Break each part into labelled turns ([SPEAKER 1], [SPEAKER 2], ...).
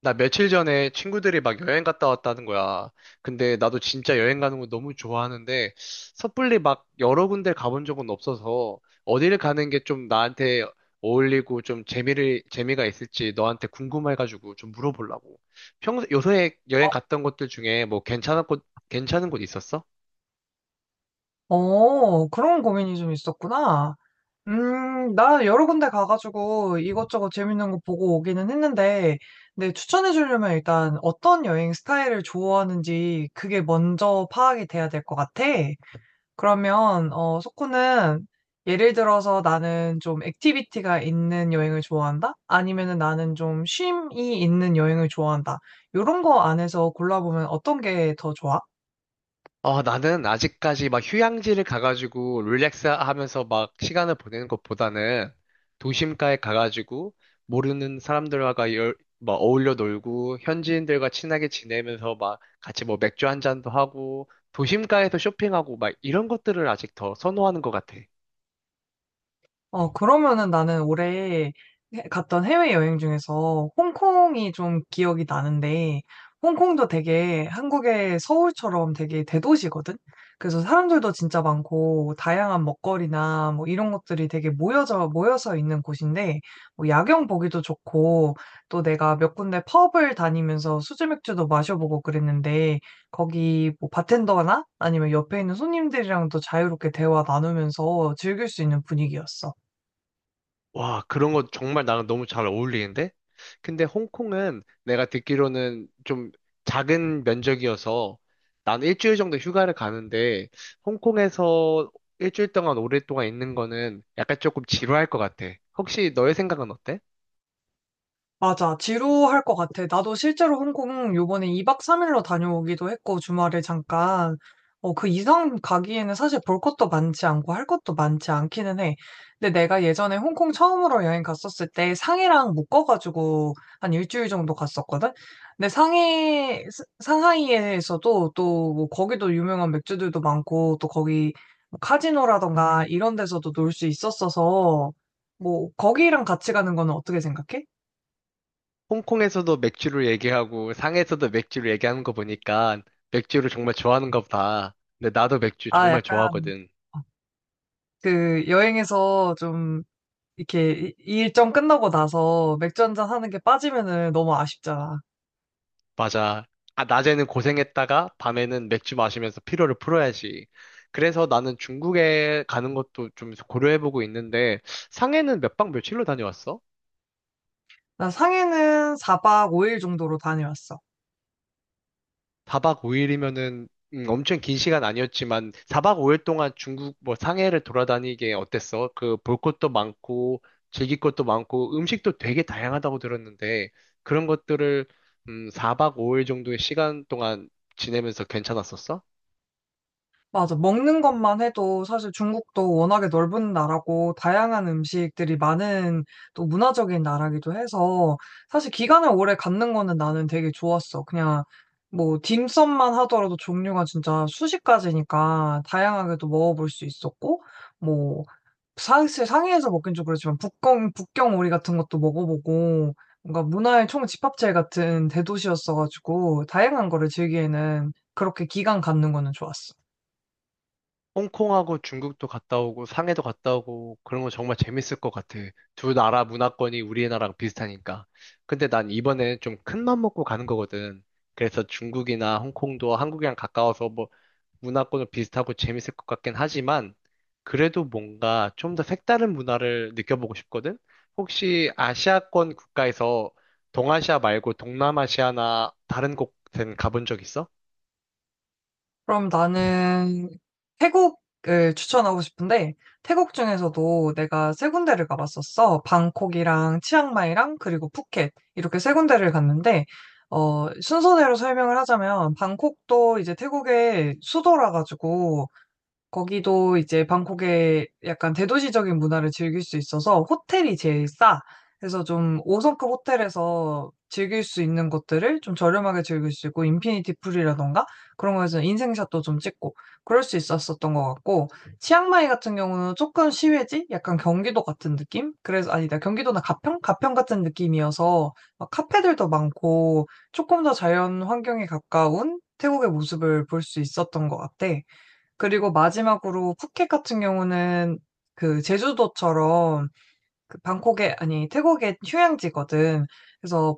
[SPEAKER 1] 나 며칠 전에 친구들이 막 여행 갔다 왔다는 거야. 근데 나도 진짜 여행 가는 거 너무 좋아하는데 섣불리 막 여러 군데 가본 적은 없어서 어디를 가는 게 좀 나한테 어울리고 좀 재미를 재미가 있을지 너한테 궁금해가지고 좀 물어보려고. 평소 요새 여행
[SPEAKER 2] 어,
[SPEAKER 1] 갔던 곳들 중에 뭐 괜찮은 곳 있었어?
[SPEAKER 2] 그런 고민이 좀 있었구나. 나 여러 군데 가가지고 이것저것 재밌는 거 보고 오기는 했는데, 근데 추천해 주려면 일단 어떤 여행 스타일을 좋아하는지 그게 먼저 파악이 돼야 될 것 같아. 그러면, 소코는 예를 들어서 나는 좀 액티비티가 있는 여행을 좋아한다? 아니면은 나는 좀 쉼이 있는 여행을 좋아한다? 요런 거 안에서 골라보면 어떤 게 더 좋아?
[SPEAKER 1] 어, 나는 아직까지 막 휴양지를 가가지고 릴렉스 하면서 막 시간을 보내는 것보다는 도심가에 가가지고 모르는 사람들과 막 어울려 놀고 현지인들과 친하게 지내면서 막 같이 뭐 맥주 한 잔도 하고 도심가에서 쇼핑하고 막 이런 것들을 아직 더 선호하는 것 같아.
[SPEAKER 2] 그러면은 나는 올해 해 갔던 해외여행 중에서 홍콩이 좀 기억이 나는데, 홍콩도 되게 한국의 서울처럼 되게 대도시거든. 그래서 사람들도 진짜 많고 다양한 먹거리나 뭐 이런 것들이 되게 모여져 모여서 있는 곳인데, 뭐 야경 보기도 좋고 또 내가 몇 군데 펍을 다니면서 수제맥주도 마셔보고 그랬는데, 거기 뭐 바텐더나 아니면 옆에 있는 손님들이랑도 자유롭게 대화 나누면서 즐길 수 있는 분위기였어.
[SPEAKER 1] 와, 그런 거 정말 나랑 너무 잘 어울리는데? 근데 홍콩은 내가 듣기로는 좀 작은 면적이어서 난 일주일 정도 휴가를 가는데 홍콩에서 일주일 동안 오랫동안 있는 거는 약간 조금 지루할 것 같아. 혹시 너의 생각은 어때?
[SPEAKER 2] 맞아. 지루할 것 같아. 나도 실제로 홍콩 요번에 2박 3일로 다녀오기도 했고, 주말에 잠깐. 그 이상 가기에는 사실 볼 것도 많지 않고 할 것도 많지 않기는 해. 근데 내가 예전에 홍콩 처음으로 여행 갔었을 때 상해랑 묶어가지고 한 일주일 정도 갔었거든? 근데 상하이에서도 또뭐 거기도 유명한 맥주들도 많고, 또 거기 뭐 카지노라던가 이런 데서도 놀 수 있었어서, 뭐, 거기랑 같이 가는 거는 어떻게 생각해?
[SPEAKER 1] 홍콩에서도 맥주를 얘기하고 상해에서도 맥주를 얘기하는 거 보니까 맥주를 정말 좋아하는가 보다. 근데 나도 맥주
[SPEAKER 2] 아
[SPEAKER 1] 정말
[SPEAKER 2] 약간
[SPEAKER 1] 좋아하거든.
[SPEAKER 2] 어 그 여행에서 좀 이렇게 이 이 일정 끝나고 나서 맥주 한잔 하는 게 빠지면은 너무 아쉽잖아.
[SPEAKER 1] 맞아. 아, 낮에는 고생했다가 밤에는 맥주 마시면서 피로를 풀어야지. 그래서 나는 중국에 가는 것도 좀 고려해보고 있는데, 상해는 몇 박 며칠로 다녀왔어?
[SPEAKER 2] 나 상해는 4박 5일 정도로 다녀왔어.
[SPEAKER 1] 4박 5일이면은, 엄청 긴 시간 아니었지만, 4박 5일 동안 중국 뭐 상해를 돌아다니게 어땠어? 그 볼 것도 많고, 즐길 것도 많고, 음식도 되게 다양하다고 들었는데, 그런 것들을, 4박 5일 정도의 시간 동안 지내면서 괜찮았었어?
[SPEAKER 2] 맞아. 먹는 것만 해도 사실 중국도 워낙에 넓은 나라고 다양한 음식들이 많은, 또 문화적인 나라기도 해서 사실 기간을 오래 갖는 거는 나는 되게 좋았어. 그냥 뭐 딤섬만 하더라도 종류가 진짜 수십 가지니까 다양하게도 먹어볼 수 있었고, 뭐 사실 상해에서 먹긴 좀 그렇지만 북경 오리 같은 것도 먹어보고, 뭔가 문화의 총집합체 같은 대도시였어가지고 다양한 거를 즐기에는 그렇게 기간 갖는 거는 좋았어.
[SPEAKER 1] 홍콩하고 중국도 갔다 오고 상해도 갔다 오고 그런 거 정말 재밌을 것 같아. 두 나라 문화권이 우리나라랑 비슷하니까. 근데 난 이번에 좀 큰 맘 먹고 가는 거거든. 그래서 중국이나 홍콩도 한국이랑 가까워서 뭐 문화권은 비슷하고 재밌을 것 같긴 하지만 그래도 뭔가 좀 더 색다른 문화를 느껴보고 싶거든. 혹시 아시아권 국가에서 동아시아 말고 동남아시아나 다른 곳은 가본 적 있어?
[SPEAKER 2] 그럼 나는 태국을 추천하고 싶은데, 태국 중에서도 내가 세 군데를 가봤었어. 방콕이랑 치앙마이랑 그리고 푸켓 이렇게 세 군데를 갔는데, 순서대로 설명을 하자면 방콕도 이제 태국의 수도라 가지고 거기도 이제 방콕의 약간 대도시적인 문화를 즐길 수 있어서 호텔이 제일 싸. 그래서 좀 5성급 호텔에서 즐길 수 있는 것들을 좀 저렴하게 즐길 수 있고, 인피니티 풀이라던가 그런 거에서 인생샷도 좀 찍고 그럴 수 있었었던 것 같고, 치앙마이 같은 경우는 조금 시외지? 약간 경기도 같은 느낌? 그래서 아니다. 경기도나 가평? 가평 같은 느낌이어서 막 카페들도 많고 조금 더 자연 환경에 가까운 태국의 모습을 볼 수 있었던 것 같아. 그리고 마지막으로 푸켓 같은 경우는 그 제주도처럼 그 방콕에 아니 태국의 휴양지거든. 그래서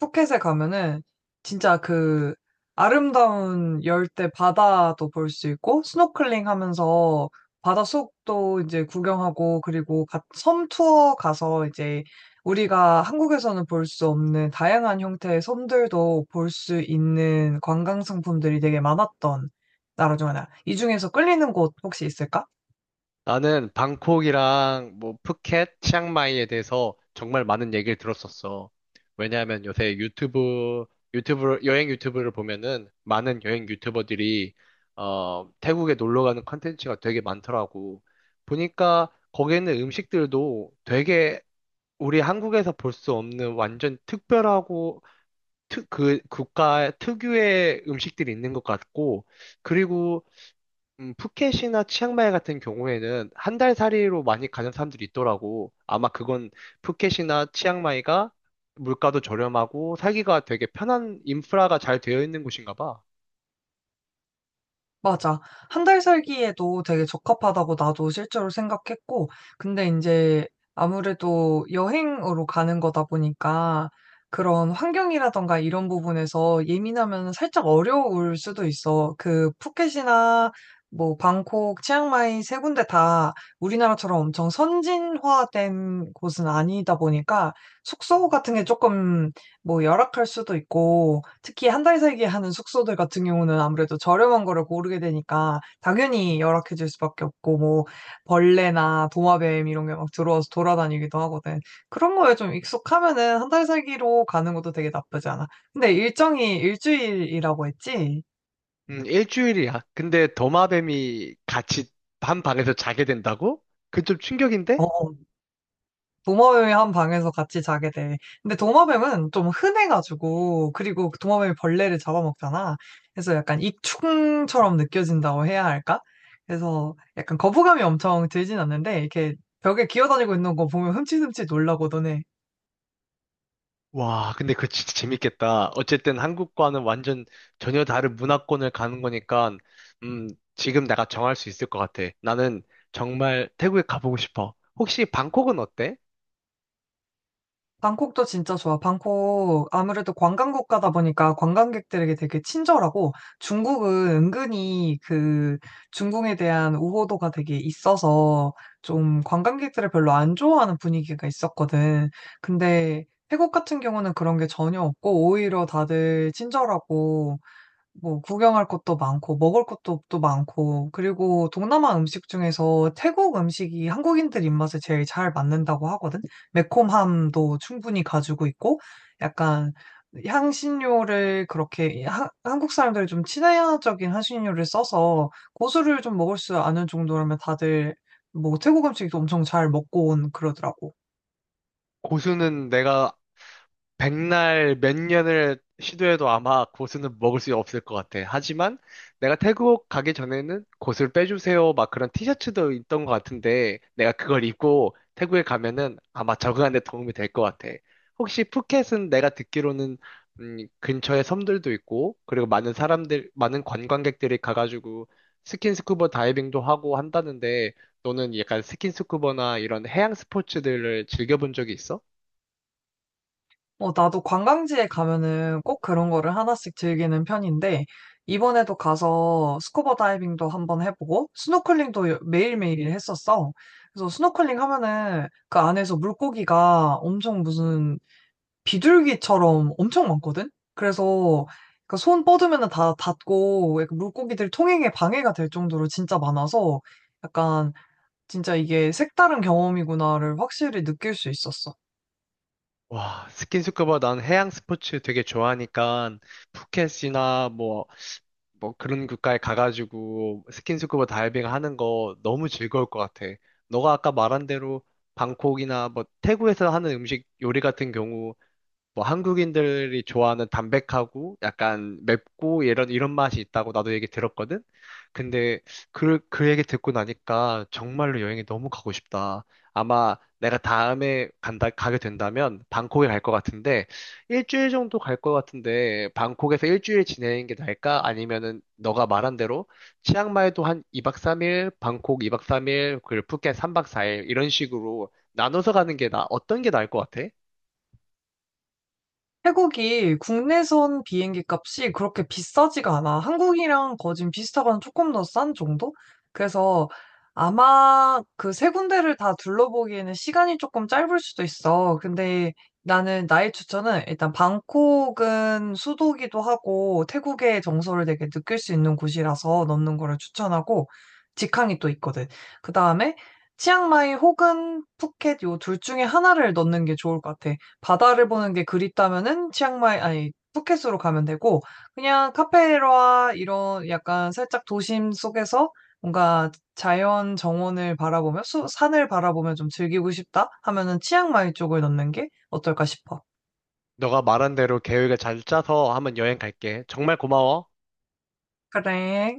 [SPEAKER 2] 푸켓에 가면은 진짜 그 아름다운 열대 바다도 볼 수 있고, 스노클링 하면서 바다 속도 이제 구경하고, 그리고 섬 투어 가서 이제 우리가 한국에서는 볼 수 없는 다양한 형태의 섬들도 볼 수 있는 관광 상품들이 되게 많았던 나라 중 하나. 이 중에서 끌리는 곳 혹시 있을까?
[SPEAKER 1] 나는 방콕이랑 뭐 푸켓, 치앙마이에 대해서 정말 많은 얘기를 들었었어. 왜냐하면 요새 여행 유튜브를 보면은 많은 여행 유튜버들이 태국에 놀러 가는 컨텐츠가 되게 많더라고. 보니까 거기에 있는 음식들도 되게 우리 한국에서 볼 수 없는 완전 특별하고 그 국가 특유의 음식들이 있는 것 같고 그리고 푸켓이나 치앙마이 같은 경우에는 한 달 살이로 많이 가는 사람들이 있더라고. 아마 그건 푸켓이나 치앙마이가 물가도 저렴하고 살기가 되게 편한 인프라가 잘 되어 있는 곳인가 봐.
[SPEAKER 2] 맞아. 한 달 살기에도 되게 적합하다고 나도 실제로 생각했고, 근데 이제 아무래도 여행으로 가는 거다 보니까 그런 환경이라든가 이런 부분에서 예민하면 살짝 어려울 수도 있어. 그 푸켓이나 뭐 방콕, 치앙마이 세 군데 다 우리나라처럼 엄청 선진화된 곳은 아니다 보니까 숙소 같은 게 조금, 뭐 열악할 수도 있고, 특히 한 달 살기 하는 숙소들 같은 경우는 아무래도 저렴한 거를 고르게 되니까 당연히 열악해질 수밖에 없고, 뭐 벌레나 도마뱀 이런 게 막 들어와서 돌아다니기도 하거든. 그런 거에 좀 익숙하면은 한 달 살기로 가는 것도 되게 나쁘지 않아. 근데 일정이 일 주일이라고 했지?
[SPEAKER 1] 일주일이야. 근데 도마뱀이 같이 한 방에서 자게 된다고? 그 좀 충격인데?
[SPEAKER 2] 어. 도마뱀이한 방에서 같이 자게 돼. 근데 도마뱀은 좀 흔해가지고, 그리고 그 도마뱀이 벌레를 잡아먹잖아. 그래서 약간 익충처럼 느껴진다고 해야 할까? 그래서 약간 거부감이 엄청 들진 않는데, 이렇게 벽에 기어다니고 있는 거 보면 흠칫흠칫 놀라고 너네.
[SPEAKER 1] 와, 근데 그거 진짜 재밌겠다. 어쨌든 한국과는 완전 전혀 다른 문화권을 가는 거니까, 음, 지금 내가 정할 수 있을 것 같아. 나는 정말 태국에 가보고 싶어. 혹시 방콕은 어때?
[SPEAKER 2] 방콕도 진짜 좋아. 방콕 아무래도 관광 국가다 보니까 관광객들에게 되게 친절하고, 중국은 은근히 그 중국에 대한 우호도가 되게 있어서 좀 관광객들을 별로 안 좋아하는 분위기가 있었거든. 근데 태국 같은 경우는 그런 게 전혀 없고 오히려 다들 친절하고, 뭐 구경할 곳도 많고 먹을 것도 또 많고, 그리고 동남아 음식 중에서 태국 음식이 한국인들 입맛에 제일 잘 맞는다고 하거든. 매콤함도 충분히 가지고 있고 약간 향신료를 그렇게 한국 사람들이 좀 친화적인 향신료를 써서 고수를 좀 먹을 수 아는 정도라면 다들 뭐 태국 음식도 엄청 잘 먹고 온 그러더라고.
[SPEAKER 1] 고수는 내가 백날 몇 년을 시도해도 아마 고수는 먹을 수 없을 것 같아. 하지만 내가 태국 가기 전에는 고수를 빼주세요. 막 그런 티셔츠도 있던 것 같은데 내가 그걸 입고 태국에 가면은 아마 적응하는 데 도움이 될 것 같아. 혹시 푸켓은 내가 듣기로는 근처에 섬들도 있고 그리고 많은 사람들, 많은 관광객들이 가가지고 스킨스쿠버 다이빙도 하고 한다는데 너는 약간 스킨스쿠버나 이런 해양 스포츠들을 즐겨본 적이 있어?
[SPEAKER 2] 어, 나도 관광지에 가면은 꼭 그런 거를 하나씩 즐기는 편인데, 이번에도 가서 스쿠버 다이빙도 한번 해보고, 스노클링도 매일매일 했었어. 그래서 스노클링 하면은 그 안에서 물고기가 엄청 무슨 비둘기처럼 엄청 많거든? 그래서 그손 뻗으면은 다 닿고, 약간 물고기들 통행에 방해가 될 정도로 진짜 많아서, 약간 진짜 이게 색다른 경험이구나를 확실히 느낄 수 있었어.
[SPEAKER 1] 와, 스킨스쿠버 난 해양 스포츠 되게 좋아하니까 푸켓이나 뭐 그런 국가에 가가지고 스킨스쿠버 다이빙 하는 거 너무 즐거울 것 같아. 너가 아까 말한 대로 방콕이나 뭐 태국에서 하는 음식 요리 같은 경우 뭐 한국인들이 좋아하는 담백하고 약간 맵고 이런 맛이 있다고 나도 얘기 들었거든. 근데 그 얘기 듣고 나니까 정말로 여행이 너무 가고 싶다. 아마 내가 다음에 간다 가게 된다면 방콕에 갈 것 같은데 일주일 정도 갈 것 같은데 방콕에서 일주일 지내는 게 나을까? 아니면은 너가 말한 대로 치앙마이도 한 2박 3일, 방콕 2박 3일, 그리고 푸켓 3박 4일 이런 식으로 나눠서 가는 게 나 어떤 게 나을 것 같아?
[SPEAKER 2] 태국이 국내선 비행기 값이 그렇게 비싸지가 않아. 한국이랑 거의 지금 비슷하거나 조금 더 싼 정도? 그래서 아마 그 세 군데를 다 둘러보기에는 시간이 조금 짧을 수도 있어. 근데 나는 나의 추천은 일단 방콕은 수도기도 하고 태국의 정서를 되게 느낄 수 있는 곳이라서 넣는 거를 추천하고, 직항이 또 있거든. 그 다음에 치앙마이 혹은 푸켓 요 둘 중에 하나를 넣는 게 좋을 것 같아. 바다를 보는 게 그립다면은 치앙마이 아니 푸켓으로 가면 되고, 그냥 카페라 이런 약간 살짝 도심 속에서 뭔가 자연 정원을 바라보며 수 산을 바라보며 좀 즐기고 싶다 하면은 치앙마이 쪽을 넣는 게 어떨까 싶어.
[SPEAKER 1] 너가 말한 대로 계획을 잘 짜서 한번 여행 갈게. 정말 고마워.
[SPEAKER 2] 그래.